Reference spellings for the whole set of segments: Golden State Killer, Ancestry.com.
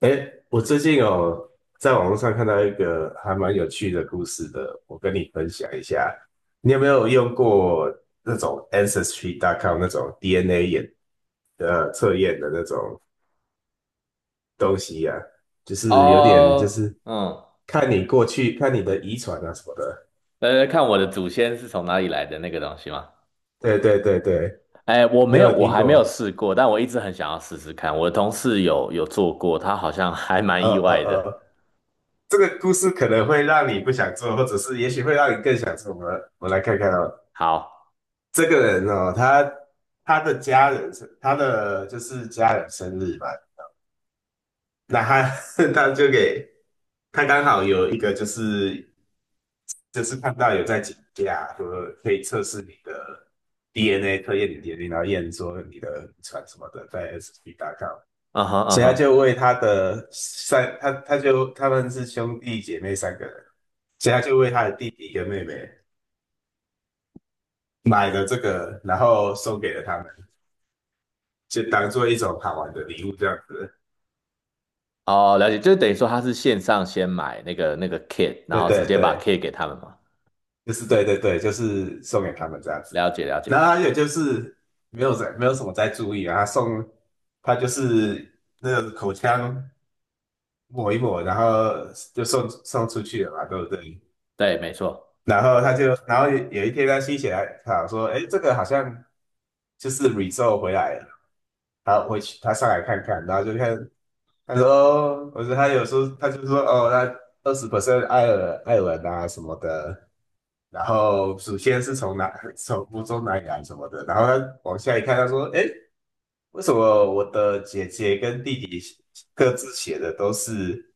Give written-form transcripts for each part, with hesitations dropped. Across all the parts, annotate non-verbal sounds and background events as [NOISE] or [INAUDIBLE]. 哎，我最近哦，在网络上看到一个还蛮有趣的故事的，我跟你分享一下。你有没有用过那种 Ancestry.com 那种 DNA 测验的那种东西啊？就是有点就哦，是嗯，看你的遗传啊什么的。来看我的祖先是从哪里来的那个东西吗？对对对对，哎，我你没有有，没有我听还没有过？试过，但我一直很想要试试看。我的同事有做过，他好像还蛮呃意呃外的。呃，这个故事可能会让你不想做，或者是也许会让你更想做。我们来看看哦。好，这个人哦，他的家人生，他的就是家人生日嘛，那他 [LAUGHS] 他就给他刚好有一个就是看到有在请假，说可以测试你的 DNA，测验你 DNA，然后验说你的遗传什么的，在 SB.com，嗯哼嗯所以他就哼，为他的三，他他就他们是兄弟姐妹三个人，所以他就为他的弟弟跟妹妹买了这个，然后送给了他们。就当做一种好玩的礼物这样子。哦，了解，就等于说他是线上先买那个 kit，然对后直对接把 对，kit 给他们嘛。就是对对对，就是送给他们这样子。了解了然解，后还有就是没有什么在注意啊，他就是那个口腔抹一抹，然后就送出去了嘛，对不对？对，没错。然后然后有一天他心血来潮说，哎，这个好像就是 result 回来了，他回去他上来看看，然后就看他说，哦他有时候他就说哦，那20% 爱尔兰啊什么的，然后首先是从哪 [LAUGHS] 从福州哪里来什么的，然后他往下一看，他说：“哎，为什么我的姐姐跟弟弟各自写的都是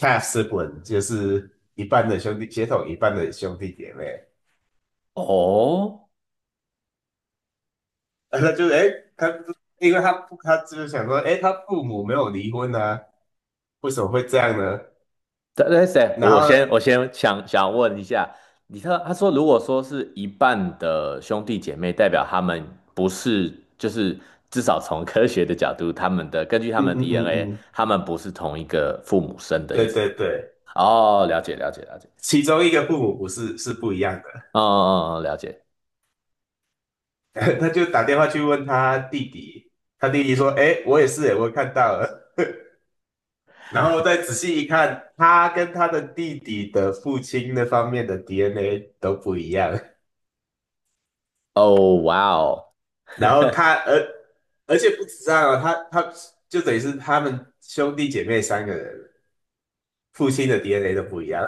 half sibling，就是一半的兄弟血统，一半的兄弟姐妹？” 哦，[LAUGHS] 然后他就哎，他因为他他就是想说，哎，他父母没有离婚啊，为什么会这样呢？但是，然我后，先我先想想问一下，你看他说，如果说是一半的兄弟姐妹，代表他们不是，就是至少从科学的角度，他们的根据他嗯们的 嗯嗯 DNA，嗯，他们不是同一个父母生的意对思对吗？对，哦，了解了解了解，其中一个父母不是是不一样的。嗯嗯嗯，了解。[LAUGHS] 他就打电话去问他弟弟，他弟弟说：“哎，我也是，哎，我看到了。[LAUGHS]” 然后再仔细一看，他跟他的弟弟的父亲那方面的 DNA 都不一样。哦，哇哦，[LAUGHS] 然后他，而且不止这样哦，他就等于是他们兄弟姐妹三个人，父亲的 DNA 都不一样。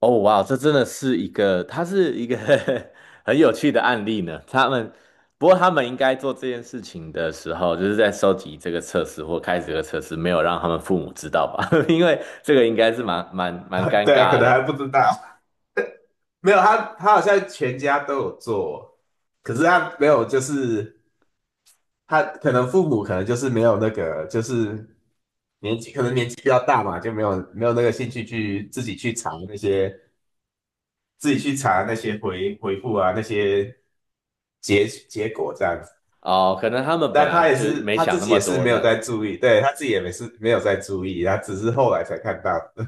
哦，哇哦，这真的是一个，它是一个 [LAUGHS] 很有趣的案例呢。不过他们应该做这件事情的时候，就是在收集这个测试或开始这个测试，没有让他们父母知道吧？[LAUGHS] 因为这个应该是蛮 [LAUGHS] 尴对啊，可尬能还的不知道，[LAUGHS] 没有他好像全家都有做，可是他没有，就是他可能父母可能就是没有那个，就是年纪比较大嘛，就没有那个兴趣去自己去查那些回复啊那些结果这样子。哦。可能他们本但来就没他自想那己么也是多没这有样在子。注意，对他自己也没是没有在注意，他只是后来才看到的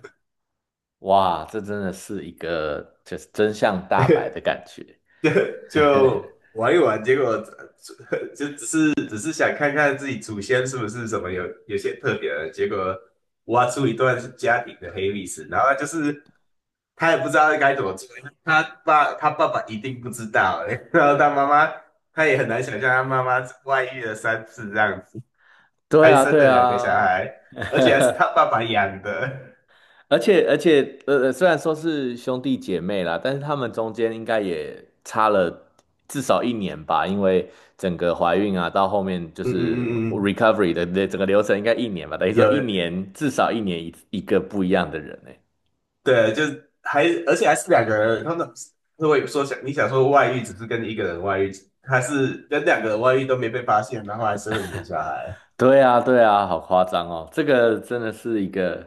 哇，这真的是一个就是真相大白的感觉。[LAUGHS] 就 [LAUGHS] 就玩一玩，结果[LAUGHS] 就只是想看看自己祖先是不是什么有些特别的，结果挖出一段家庭的黑历史，然后他就是他也不知道该怎么做，他爸爸一定不知道、欸，[LAUGHS] 然后他妈妈他也很难想象他妈妈外遇了三次这样子，对还啊，生对了两个小啊，孩，而且还是他爸爸养的。而且，虽然说是兄弟姐妹啦，但是他们中间应该也差了至少一年吧，因为整个怀孕啊，到后面就嗯嗯是 嗯嗯，recovery 的整个流程应该一年吧，等于说有一年至少一年一个不一样的人呢。对，就是还而且还是两个人，他们如果说你想说外遇只是跟一个人外遇，还是跟两个人外遇都没被发现，然后还生了两个小孩，对啊，对啊，好夸张哦！这个真的是一个，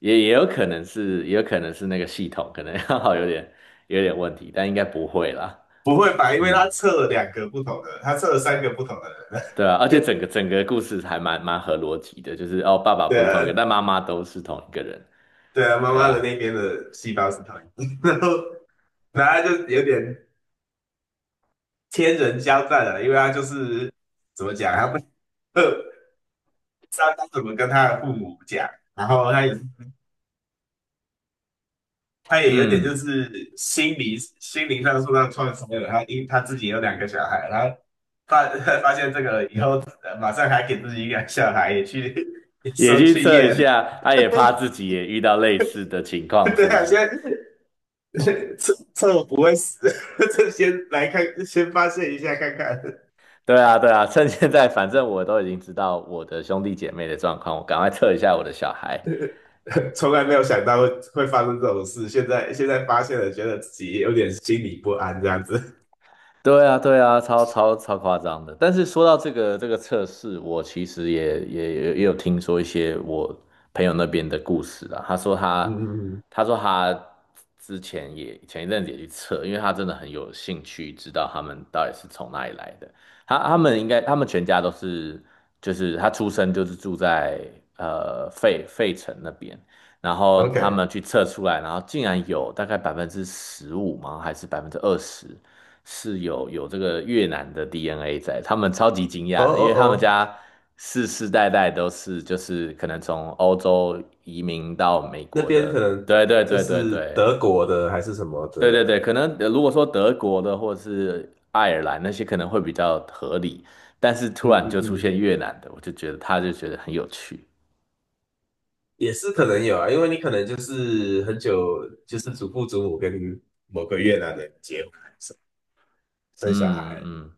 也有可能是那个系统可能 [LAUGHS] 好有点问题，但应该不会啦。不会吧？因为嗯。他测了两个不同的，他测了三个不同的对啊，而且人。整个故事还蛮合逻辑的，就是哦，爸 [LAUGHS] 爸对不是同一啊，个，但妈妈都是同一个人。对啊，妈对妈的啊，那边的细胞是同一个，[LAUGHS] 然后他就有点天人交战了，因为他就是怎么讲，他不呃，[LAUGHS] 不知道该怎么跟他的父母讲，然后他也有点就嗯，是心理心灵上受到创伤了，他自己有两个小孩，然后发 [LAUGHS] 发现这个以后，马上还给自己一个小孩也去 [LAUGHS] 也去去测一验，下，他也怕自己也遇到类似的情 [LAUGHS] 况，对是不啊，是？先 [LAUGHS] 趁我 [LAUGHS] 不会死 [LAUGHS] 这先来看，先发现一下看看。对啊，对啊，趁现在，反正我都已经知道我的兄弟姐妹的状况，我赶快测一下我的小孩。[LAUGHS] 从来没有想到会发生这种事，现在发现了，觉得自己有点心里不安这样子。对啊，对啊，超夸张的。但是说到这个测试，我其实也有听说一些我朋友那边的故事啦。他说 [LAUGHS] 嗯他嗯嗯他说他之前也前一阵子也去测，因为他真的很有兴趣知道他们到底是从哪里来的。他们全家都是就是他出生就是住在费城那边，然后他，OK，们去测出来，然后竟然有大概15%吗？还是20%？是有这个越南的 DNA 在，他们超级惊哦讶的，因哦为他们哦，家世世代代都是就是可能从欧洲移民到美那国边的，可能对对就对对是对德国的还是什么的对对人，对，可能如果说德国的或是爱尔兰那些可能会比较合理，但是突嗯然嗯就出嗯，现越南的，我就觉得他就觉得很有趣，也是可能有啊，因为你可能就是很久就是祖父祖母跟某个越南人结婚生小嗯孩，嗯，嗯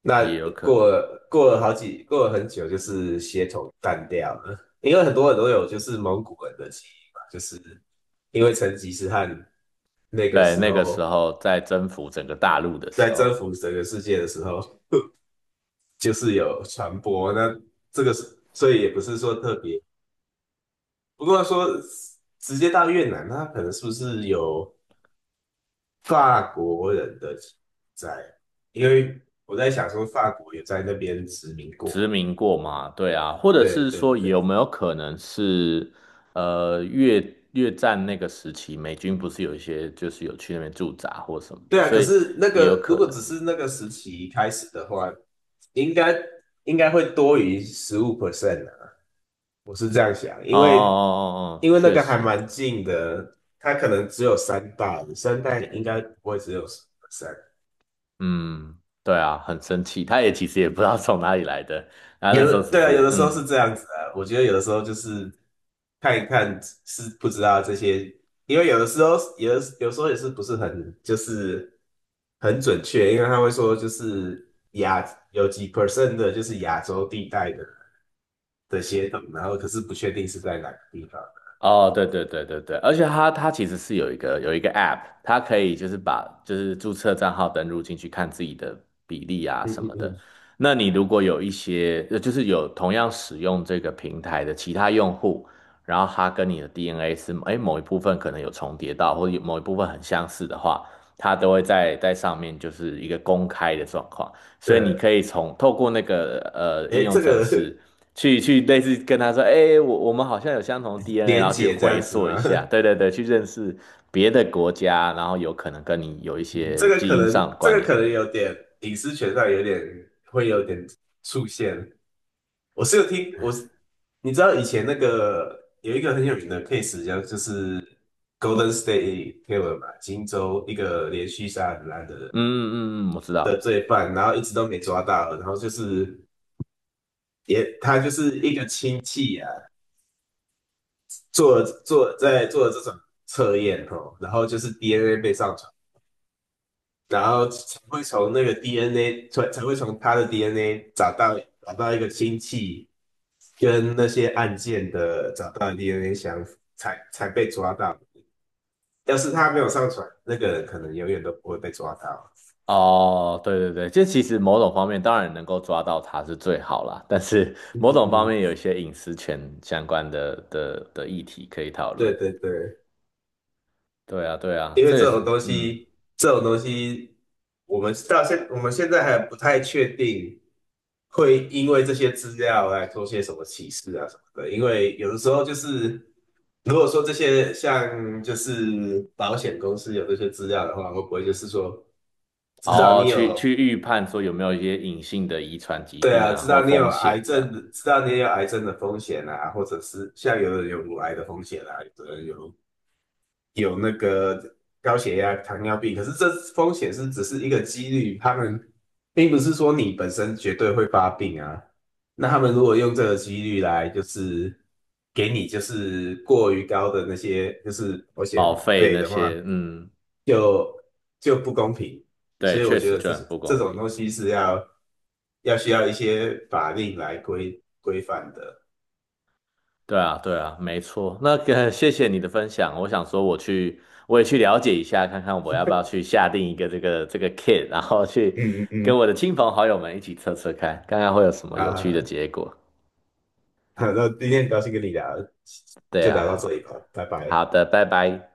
那也有可过能，了过了好几过了很久，就是血统淡掉了，因为很多人都有就是蒙古人的基因嘛，就是因为成吉思汗那个对，时那个候时候在征服整个大陆的时在候。征服整个世界的时候，就是有传播，那这个是所以也不是说特别，不过说直接到越南，他可能是不是有法国人的基因在？因为我在想说法国也在那边殖民殖过，民过嘛？对啊，或者对是对说对。有没有可能是，越战那个时期，美军不是有一些就是有去那边驻扎或什么对的，啊，所可以是那也有个如可果能。只是那个时期开始的话，应该应该会多于百分之十五 percent 啊，我是这样想，哦因哦为哦哦，那确个还实，蛮近的，它可能只有三代，三代应该不会只有嗯，对啊，很生气，他也其实也不知道从哪里来的，然后那有时候的只对啊，有是的时候嗯。是这样子啊，我觉得有的时候就是看一看是不知道这些，因为有时候也是不是很就是很准确，因为他会说就是有几 percent 的就是亚洲地带的。的协同，然后可是不确定是在哪个地方。哦，对对对对对，而且它其实是有一个 app，它可以就是把就是注册账号登录进去看自己的比例啊嗯什嗯么的。嗯，那你如果有一些就是有同样使用这个平台的其他用户，然后他跟你的 DNA 是哎某一部分可能有重叠到，或者有某一部分很相似的话，它都会在上面就是一个公开的状况。所以你对，可以透过那个应哎，用这程个 式。去类似跟他说，哎、我们好像有相同的 [LAUGHS] DNA，然连后去结这回样子溯一吗？下，对对对，去认识别的国家，然后有可能跟你有一嗯些基因上的这关个联可的能人。有点隐私权上会有点出现。我是有听，我是你知道以前那个有一个很有名的 case，叫就是 Golden State Killer 嘛，金州一个连续杀人案的嗯嗯嗯，嗯我知的道。罪犯，然后一直都没抓到，然后就是也他就是一个亲戚啊，做在做这种测验哦，然后就是 DNA 被上传，然后才会从那个 DNA 才会从他的 DNA 找到一个亲戚跟那些案件的找到 DNA 相符，才被抓到。要是他没有上传，那个人可能永远都不会被抓到。哦，对对对，这其实某种方面当然能够抓到他是最好啦，但是 [LAUGHS] 嗯某嗯种方嗯，面有一些隐私权相关的议题可以讨论。对对对，对啊，对啊，因为这也是嗯，这种东西，我们现在还不太确定，会因为这些资料来做些什么歧视啊什么的。因为有的时候就是，如果说这些像就是保险公司有这些资料的话，会不会就是说，知道哦，你有，去预判说有没有一些隐性的遗传疾对病啊，啊知或道你有风险癌这样。症，知道你有癌症的风险啊，或者是像有人有乳癌的风险啊，有的人有那个高血压、糖尿病，可是这风险只是一个几率，他们并不是说你本身绝对会发病啊。那他们如果用这个几率来，就是给你就是过于高的那些就是保险保费费那的些，话，嗯，就不公平。对，所以我确觉实得就很不这公种平。东西是需要一些法令来规范的。对啊，对啊，没错。那个，谢谢你的分享。我想说，我也去了解一下，看看我要不要去下定一个这个 kit，然后去嗯嗯跟嗯，我的亲朋好友们一起测测看，看看会有什么有好好趣的好，结果。好那今天很高兴跟你聊，对就啊，聊到这里好，吧，拜拜。好的，拜拜。